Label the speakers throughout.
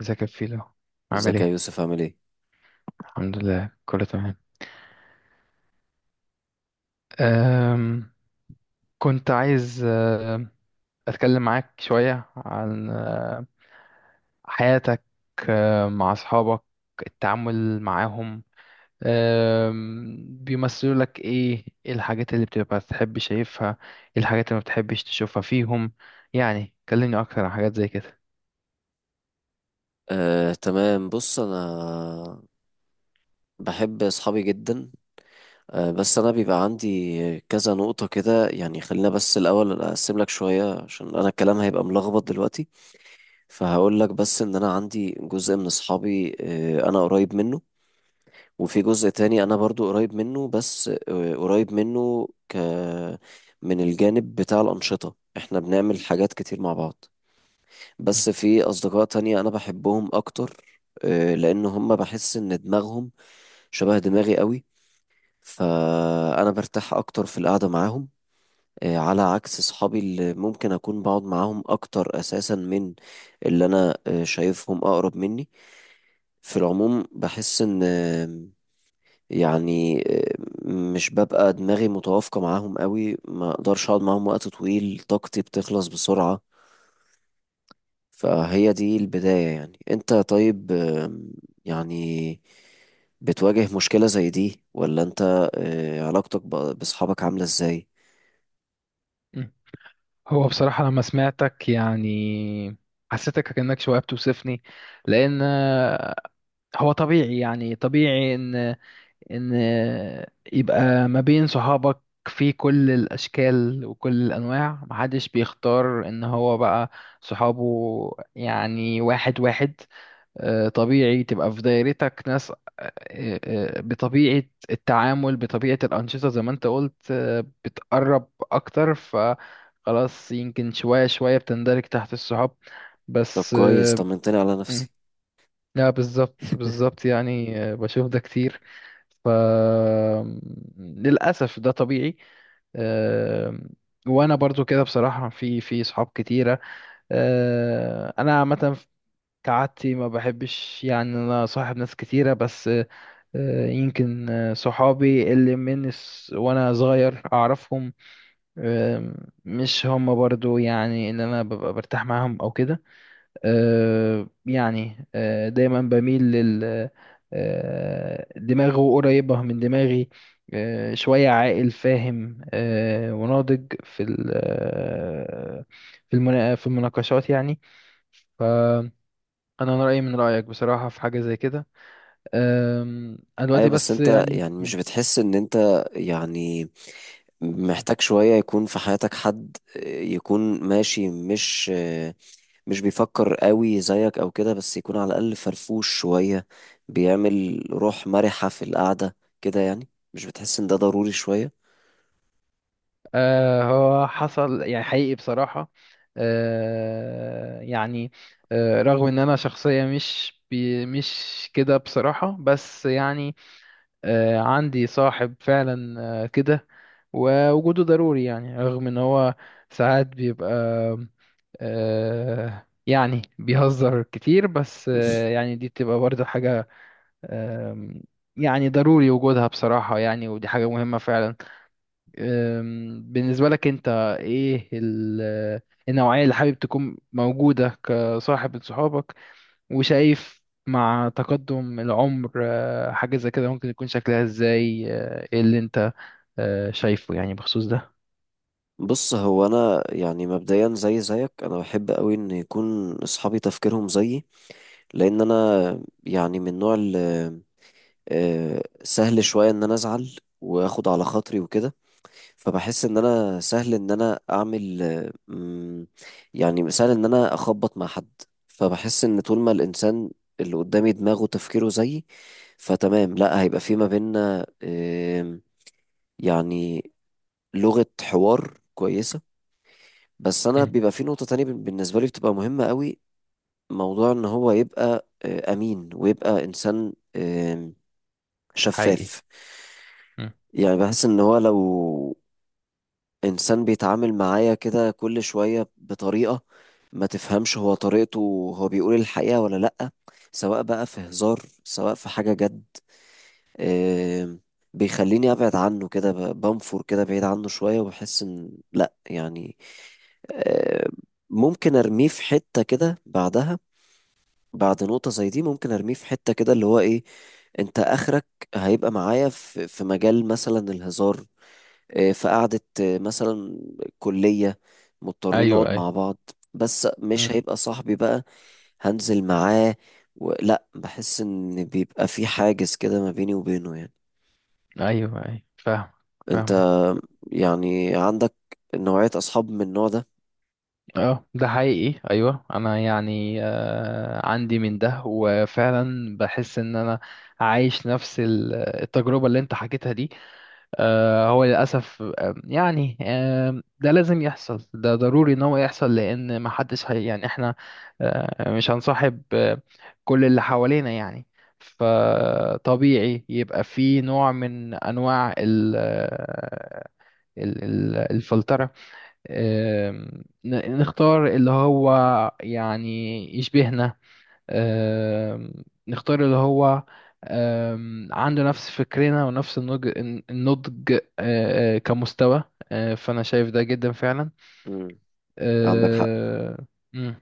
Speaker 1: ازيك يا فيلو؟ عامل
Speaker 2: ازيك يا
Speaker 1: ايه؟
Speaker 2: يوسف عامل ايه؟
Speaker 1: الحمد لله، كله تمام. أم كنت عايز، اتكلم معاك شوية عن حياتك، مع اصحابك، التعامل معاهم، بيمثلوا لك ايه؟ ايه الحاجات اللي بتبقى تحب شايفها؟ ايه الحاجات اللي ما بتحبش تشوفها فيهم؟ يعني كلمني اكتر عن حاجات زي كده.
Speaker 2: تمام. بص انا بحب اصحابي جدا. بس انا بيبقى عندي كذا نقطة كده، يعني خلينا بس الاول اقسم لك شوية عشان انا الكلام هيبقى ملخبط دلوقتي. فهقول لك بس ان انا عندي جزء من اصحابي انا قريب منه، وفي جزء تاني انا برضو قريب منه بس قريب منه ك من الجانب بتاع الأنشطة، احنا بنعمل حاجات كتير مع بعض، بس في أصدقاء تانية أنا بحبهم أكتر لأن هم بحس إن دماغهم شبه دماغي قوي، فأنا برتاح أكتر في القعدة معاهم، على عكس صحابي اللي ممكن أكون بقعد معاهم أكتر أساسا من اللي أنا شايفهم أقرب مني. في العموم بحس إن يعني آه، مش ببقى دماغي متوافقة معاهم قوي، ما أقدرش أقعد معاهم وقت طويل، طاقتي بتخلص بسرعة. فهي دي البداية. يعني انت طيب، آم، يعني بتواجه مشكلة زي دي، ولا انت علاقتك بأصحابك عاملة ازاي؟
Speaker 1: مم. هو بصراحة لما سمعتك يعني حسيتك كأنك شوية بتوصفني، لأن هو طبيعي، يعني طبيعي ان يبقى ما بين صحابك في كل الاشكال وكل الانواع، محدش بيختار ان هو بقى صحابه، يعني واحد واحد. طبيعي تبقى في دايرتك ناس، آه، بطبيعة التعامل، بطبيعة الأنشطة زي ما انت قلت، بتقرب أكتر، فخلاص يمكن شوية شوية بتندرج تحت الصحاب
Speaker 2: طب
Speaker 1: بس.
Speaker 2: كويس، طمنتني على
Speaker 1: آه،
Speaker 2: نفسي.
Speaker 1: لا، بالظبط بالظبط، يعني بشوف ده كتير، ف للأسف ده طبيعي. آم، وانا برضو كده بصراحة، في صحاب كتيرة. انا عامة كعادتي ما بحبش، يعني انا صاحب ناس كتيرة، بس يمكن صحابي اللي من وانا صغير اعرفهم، آم، مش هم برضو يعني ان انا ببقى برتاح معاهم او كده. يعني دايما بميل لل دماغه قريبة من دماغي، شوية عاقل فاهم، وناضج في في المناقشات يعني. فأنا رأيي من رأيك بصراحة في حاجة زي كده. أنا دلوقتي
Speaker 2: ايوه بس
Speaker 1: بس
Speaker 2: انت
Speaker 1: يعني.
Speaker 2: يعني مش
Speaker 1: مم.
Speaker 2: بتحس ان انت يعني محتاج شوية يكون في حياتك حد يكون ماشي، مش مش بيفكر قوي زيك او كده، بس يكون على الاقل فرفوش شوية، بيعمل روح مرحة في القعدة كده يعني؟ مش بتحس ان ده ضروري شوية؟
Speaker 1: هو حصل يعني، حقيقي بصراحة. يعني رغم ان انا شخصية مش كده بصراحة، بس يعني عندي صاحب فعلا كده، ووجوده ضروري. يعني رغم ان هو ساعات بيبقى يعني بيهزر كتير، بس يعني دي بتبقى برضه حاجة آه يعني ضروري وجودها بصراحة، يعني ودي حاجة مهمة فعلا. بالنسبة لك انت، ايه النوعية اللي حابب تكون موجودة كصاحب لصحابك؟ وشايف مع تقدم العمر حاجة زي كده ممكن يكون شكلها ازاي؟ ايه اللي انت شايفه يعني بخصوص ده؟
Speaker 2: بص هو انا يعني مبدئيا زي زيك، انا بحب قوي ان يكون اصحابي تفكيرهم زيي، لان انا يعني من نوع سهل شويه ان انا ازعل واخد على خاطري وكده، فبحس ان انا سهل ان انا اعمل يعني سهل ان انا اخبط مع حد. فبحس ان طول ما الانسان اللي قدامي دماغه تفكيره زيي، فتمام، لا هيبقى في ما بيننا آم، يعني لغة حوار كويسة. بس انا
Speaker 1: مم.
Speaker 2: بيبقى في نقطة تانية بالنسبة لي بتبقى مهمة قوي، موضوع ان هو يبقى امين، ويبقى انسان
Speaker 1: حقيقي.
Speaker 2: شفاف.
Speaker 1: مم.
Speaker 2: يعني بحس ان هو لو انسان بيتعامل معايا كده كل شوية بطريقة ما تفهمش هو طريقته، هو بيقول الحقيقة ولا لأ، سواء بقى في هزار سواء في حاجة جد، آم، بيخليني ابعد عنه كده بنفر كده بعيد عنه شوية، وبحس ان لا يعني آم، ممكن ارميه في حتة كده بعدها. بعد نقطة زي دي ممكن ارميه في حتة كده اللي هو ايه، انت اخرك هيبقى معايا في في مجال مثلا الهزار، في قعدة مثلا كلية، مضطرين نقعد
Speaker 1: ايوه ايوه.
Speaker 2: مع بعض، بس مش
Speaker 1: مم.
Speaker 2: هيبقى صاحبي بقى. هنزل معاه و... لا، بحس ان بيبقى في حاجز كده ما بيني وبينه يعني.
Speaker 1: ايوه ايوه، فاهم. فاهم.
Speaker 2: انت يعني عندك نوعية أصحاب من النوع ده؟
Speaker 1: اه، ده حقيقي، ايوه. انا يعني عندي من ده، وفعلا بحس ان انا عايش نفس التجربة اللي انت حكيتها دي. هو للأسف، يعني ده لازم يحصل، ده ضروري إن هو يحصل. لأن محدش، هي يعني إحنا مش هنصاحب كل اللي حوالينا يعني. فطبيعي يبقى في نوع من أنواع ال الفلترة. آه، نختار اللي هو يعني يشبهنا. آم، نختار اللي هو عنده نفس فكرنا ونفس النضج. النضج كمستوى. فأنا شايف ده جدا فعلا.
Speaker 2: امم، عندك حق.
Speaker 1: آه، مم.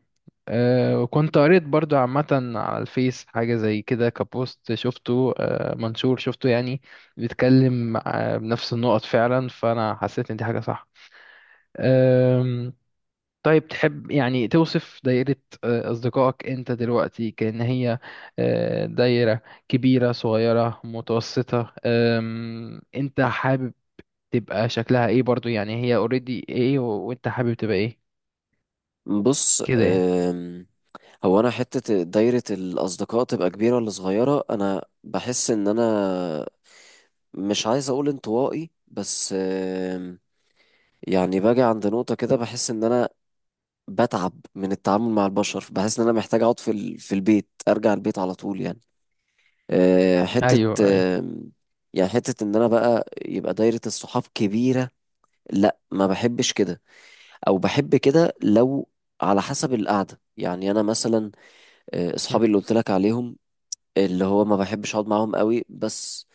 Speaker 1: وكنت قريت برضو عامة على الفيس حاجة زي كده كبوست شفته، منشور شفته يعني، بيتكلم بنفس النقط فعلا. فأنا حسيت إن دي حاجة صح. طيب تحب يعني توصف دايرة أصدقائك أنت دلوقتي كأن هي دايرة كبيرة، صغيرة، متوسطة؟ أنت حابب تبقى شكلها إيه برضو؟ يعني هي اوريدي إيه، وأنت حابب تبقى إيه
Speaker 2: بص
Speaker 1: كده يعني؟
Speaker 2: هو أنا حتة دايرة الأصدقاء تبقى كبيرة ولا صغيرة، أنا بحس إن أنا مش عايز أقول انطوائي بس يعني باجي عند نقطة كده بحس إن أنا بتعب من التعامل مع البشر، بحس إن أنا محتاج أقعد في في البيت، أرجع البيت على طول يعني. أه، حتة
Speaker 1: أيوه أيوه.
Speaker 2: أم، يعني حتة إن أنا بقى يبقى دايرة الصحاب كبيرة، لا ما بحبش كده. او بحب كده لو على حسب القعده. يعني انا مثلا
Speaker 1: م.
Speaker 2: اصحابي اللي قلت لك عليهم، اللي هو ما بحبش اقعد معاهم قوي، بس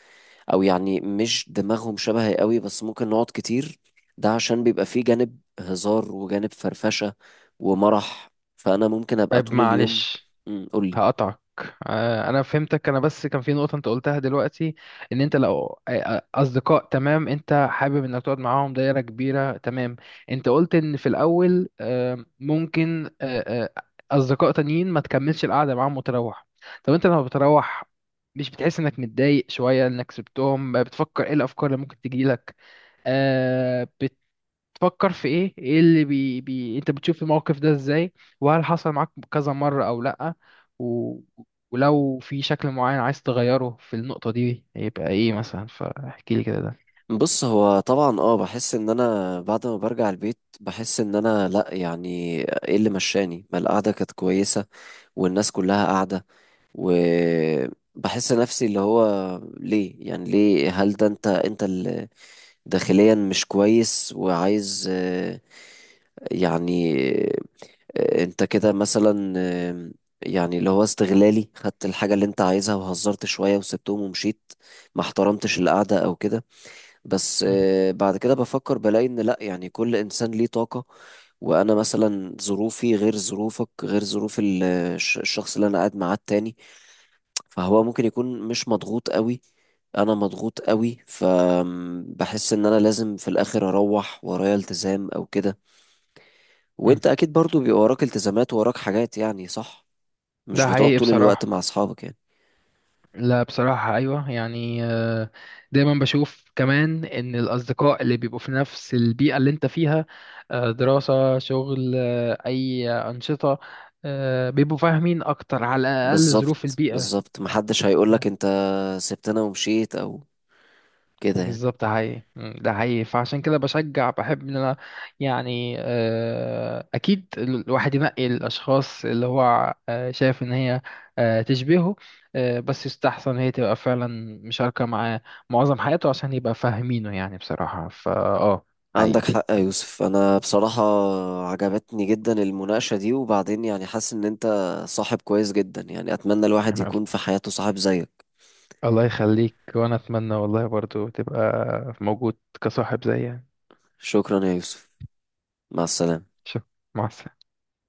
Speaker 2: او يعني مش دماغهم شبهي قوي، بس ممكن نقعد كتير، ده عشان بيبقى فيه جانب هزار وجانب فرفشه ومرح، فانا ممكن ابقى
Speaker 1: طيب
Speaker 2: طول اليوم.
Speaker 1: معلش
Speaker 2: قول لي.
Speaker 1: هقطعك. انا فهمتك، انا بس كان في نقطة انت قلتها دلوقتي. ان انت لو اصدقاء تمام انت حابب انك تقعد معاهم، دايرة كبيرة تمام. انت قلت ان في الاول ممكن اصدقاء تانيين ما تكملش القعدة معاهم وتروح. طب انت لما بتروح مش بتحس انك متضايق شوية انك سبتهم؟ بتفكر ايه؟ الافكار اللي ممكن تجيلك، تفكر في ايه؟ ايه اللي بي, بي انت بتشوف الموقف ده ازاي؟ وهل حصل معاك كذا مرة او لأ؟ و... ولو في شكل معين عايز تغيره في النقطة دي يبقى ايه مثلا؟ فاحكي لي كده ده.
Speaker 2: بص هو طبعا اه، بحس ان انا بعد ما برجع البيت بحس ان انا لا يعني ايه اللي مشاني، ما القعده كانت كويسه والناس كلها قاعده، وبحس نفسي اللي هو ليه، يعني ليه، هل ده انت انت داخليا مش كويس وعايز يعني انت كده مثلا اللي هو استغلالي، خدت الحاجة اللي انت عايزها وهزرت شوية وسبتهم ومشيت، ما احترمتش القعدة او كده. بس
Speaker 1: مم.
Speaker 2: بعد كده بفكر بلاقي ان لا، يعني كل انسان ليه طاقة، وانا مثلا ظروفي غير ظروفك غير ظروف الشخص اللي انا قاعد معاه التاني، فهو ممكن يكون مش مضغوط قوي، انا مضغوط قوي، فبحس ان انا لازم في الاخر اروح ورايا التزام او كده.
Speaker 1: مم.
Speaker 2: وانت اكيد برضو بيبقى وراك التزامات ووراك حاجات، يعني صح، مش
Speaker 1: ده
Speaker 2: بتقعد
Speaker 1: حقيقي
Speaker 2: طول الوقت
Speaker 1: بصراحة.
Speaker 2: مع اصحابك يعني.
Speaker 1: لا، بصراحة أيوة. يعني دايما بشوف كمان إن الأصدقاء اللي بيبقوا في نفس البيئة اللي أنت فيها، دراسة، شغل، أي أنشطة، بيبقوا فاهمين أكتر، على الأقل ظروف
Speaker 2: بالظبط
Speaker 1: البيئة.
Speaker 2: بالظبط، محدش هيقولك انت سبتنا ومشيت او كده يعني.
Speaker 1: بالظبط، ده حقيقي. مم، ده حقيقي. فعشان كده بشجع، بحب ان انا يعني اكيد الواحد ينقي الاشخاص اللي هو شايف ان هي تشبهه، بس يستحسن هي تبقى فعلا مشاركة معاه معظم حياته، عشان يبقى فاهمينه يعني بصراحة. فا اه
Speaker 2: عندك
Speaker 1: حقيقي.
Speaker 2: حق يا
Speaker 1: حقيقي.
Speaker 2: يوسف. انا بصراحة
Speaker 1: مم.
Speaker 2: عجبتني جدا المناقشة دي، وبعدين يعني حاسس ان انت صاحب كويس جدا، يعني اتمنى الواحد
Speaker 1: يلا.
Speaker 2: يكون في حياته صاحب زيك.
Speaker 1: الله يخليك، وانا اتمنى والله برضو تبقى موجود كصاحب زيي يعني.
Speaker 2: شكرا يا يوسف، مع السلامة.
Speaker 1: شوف، مع السلامة.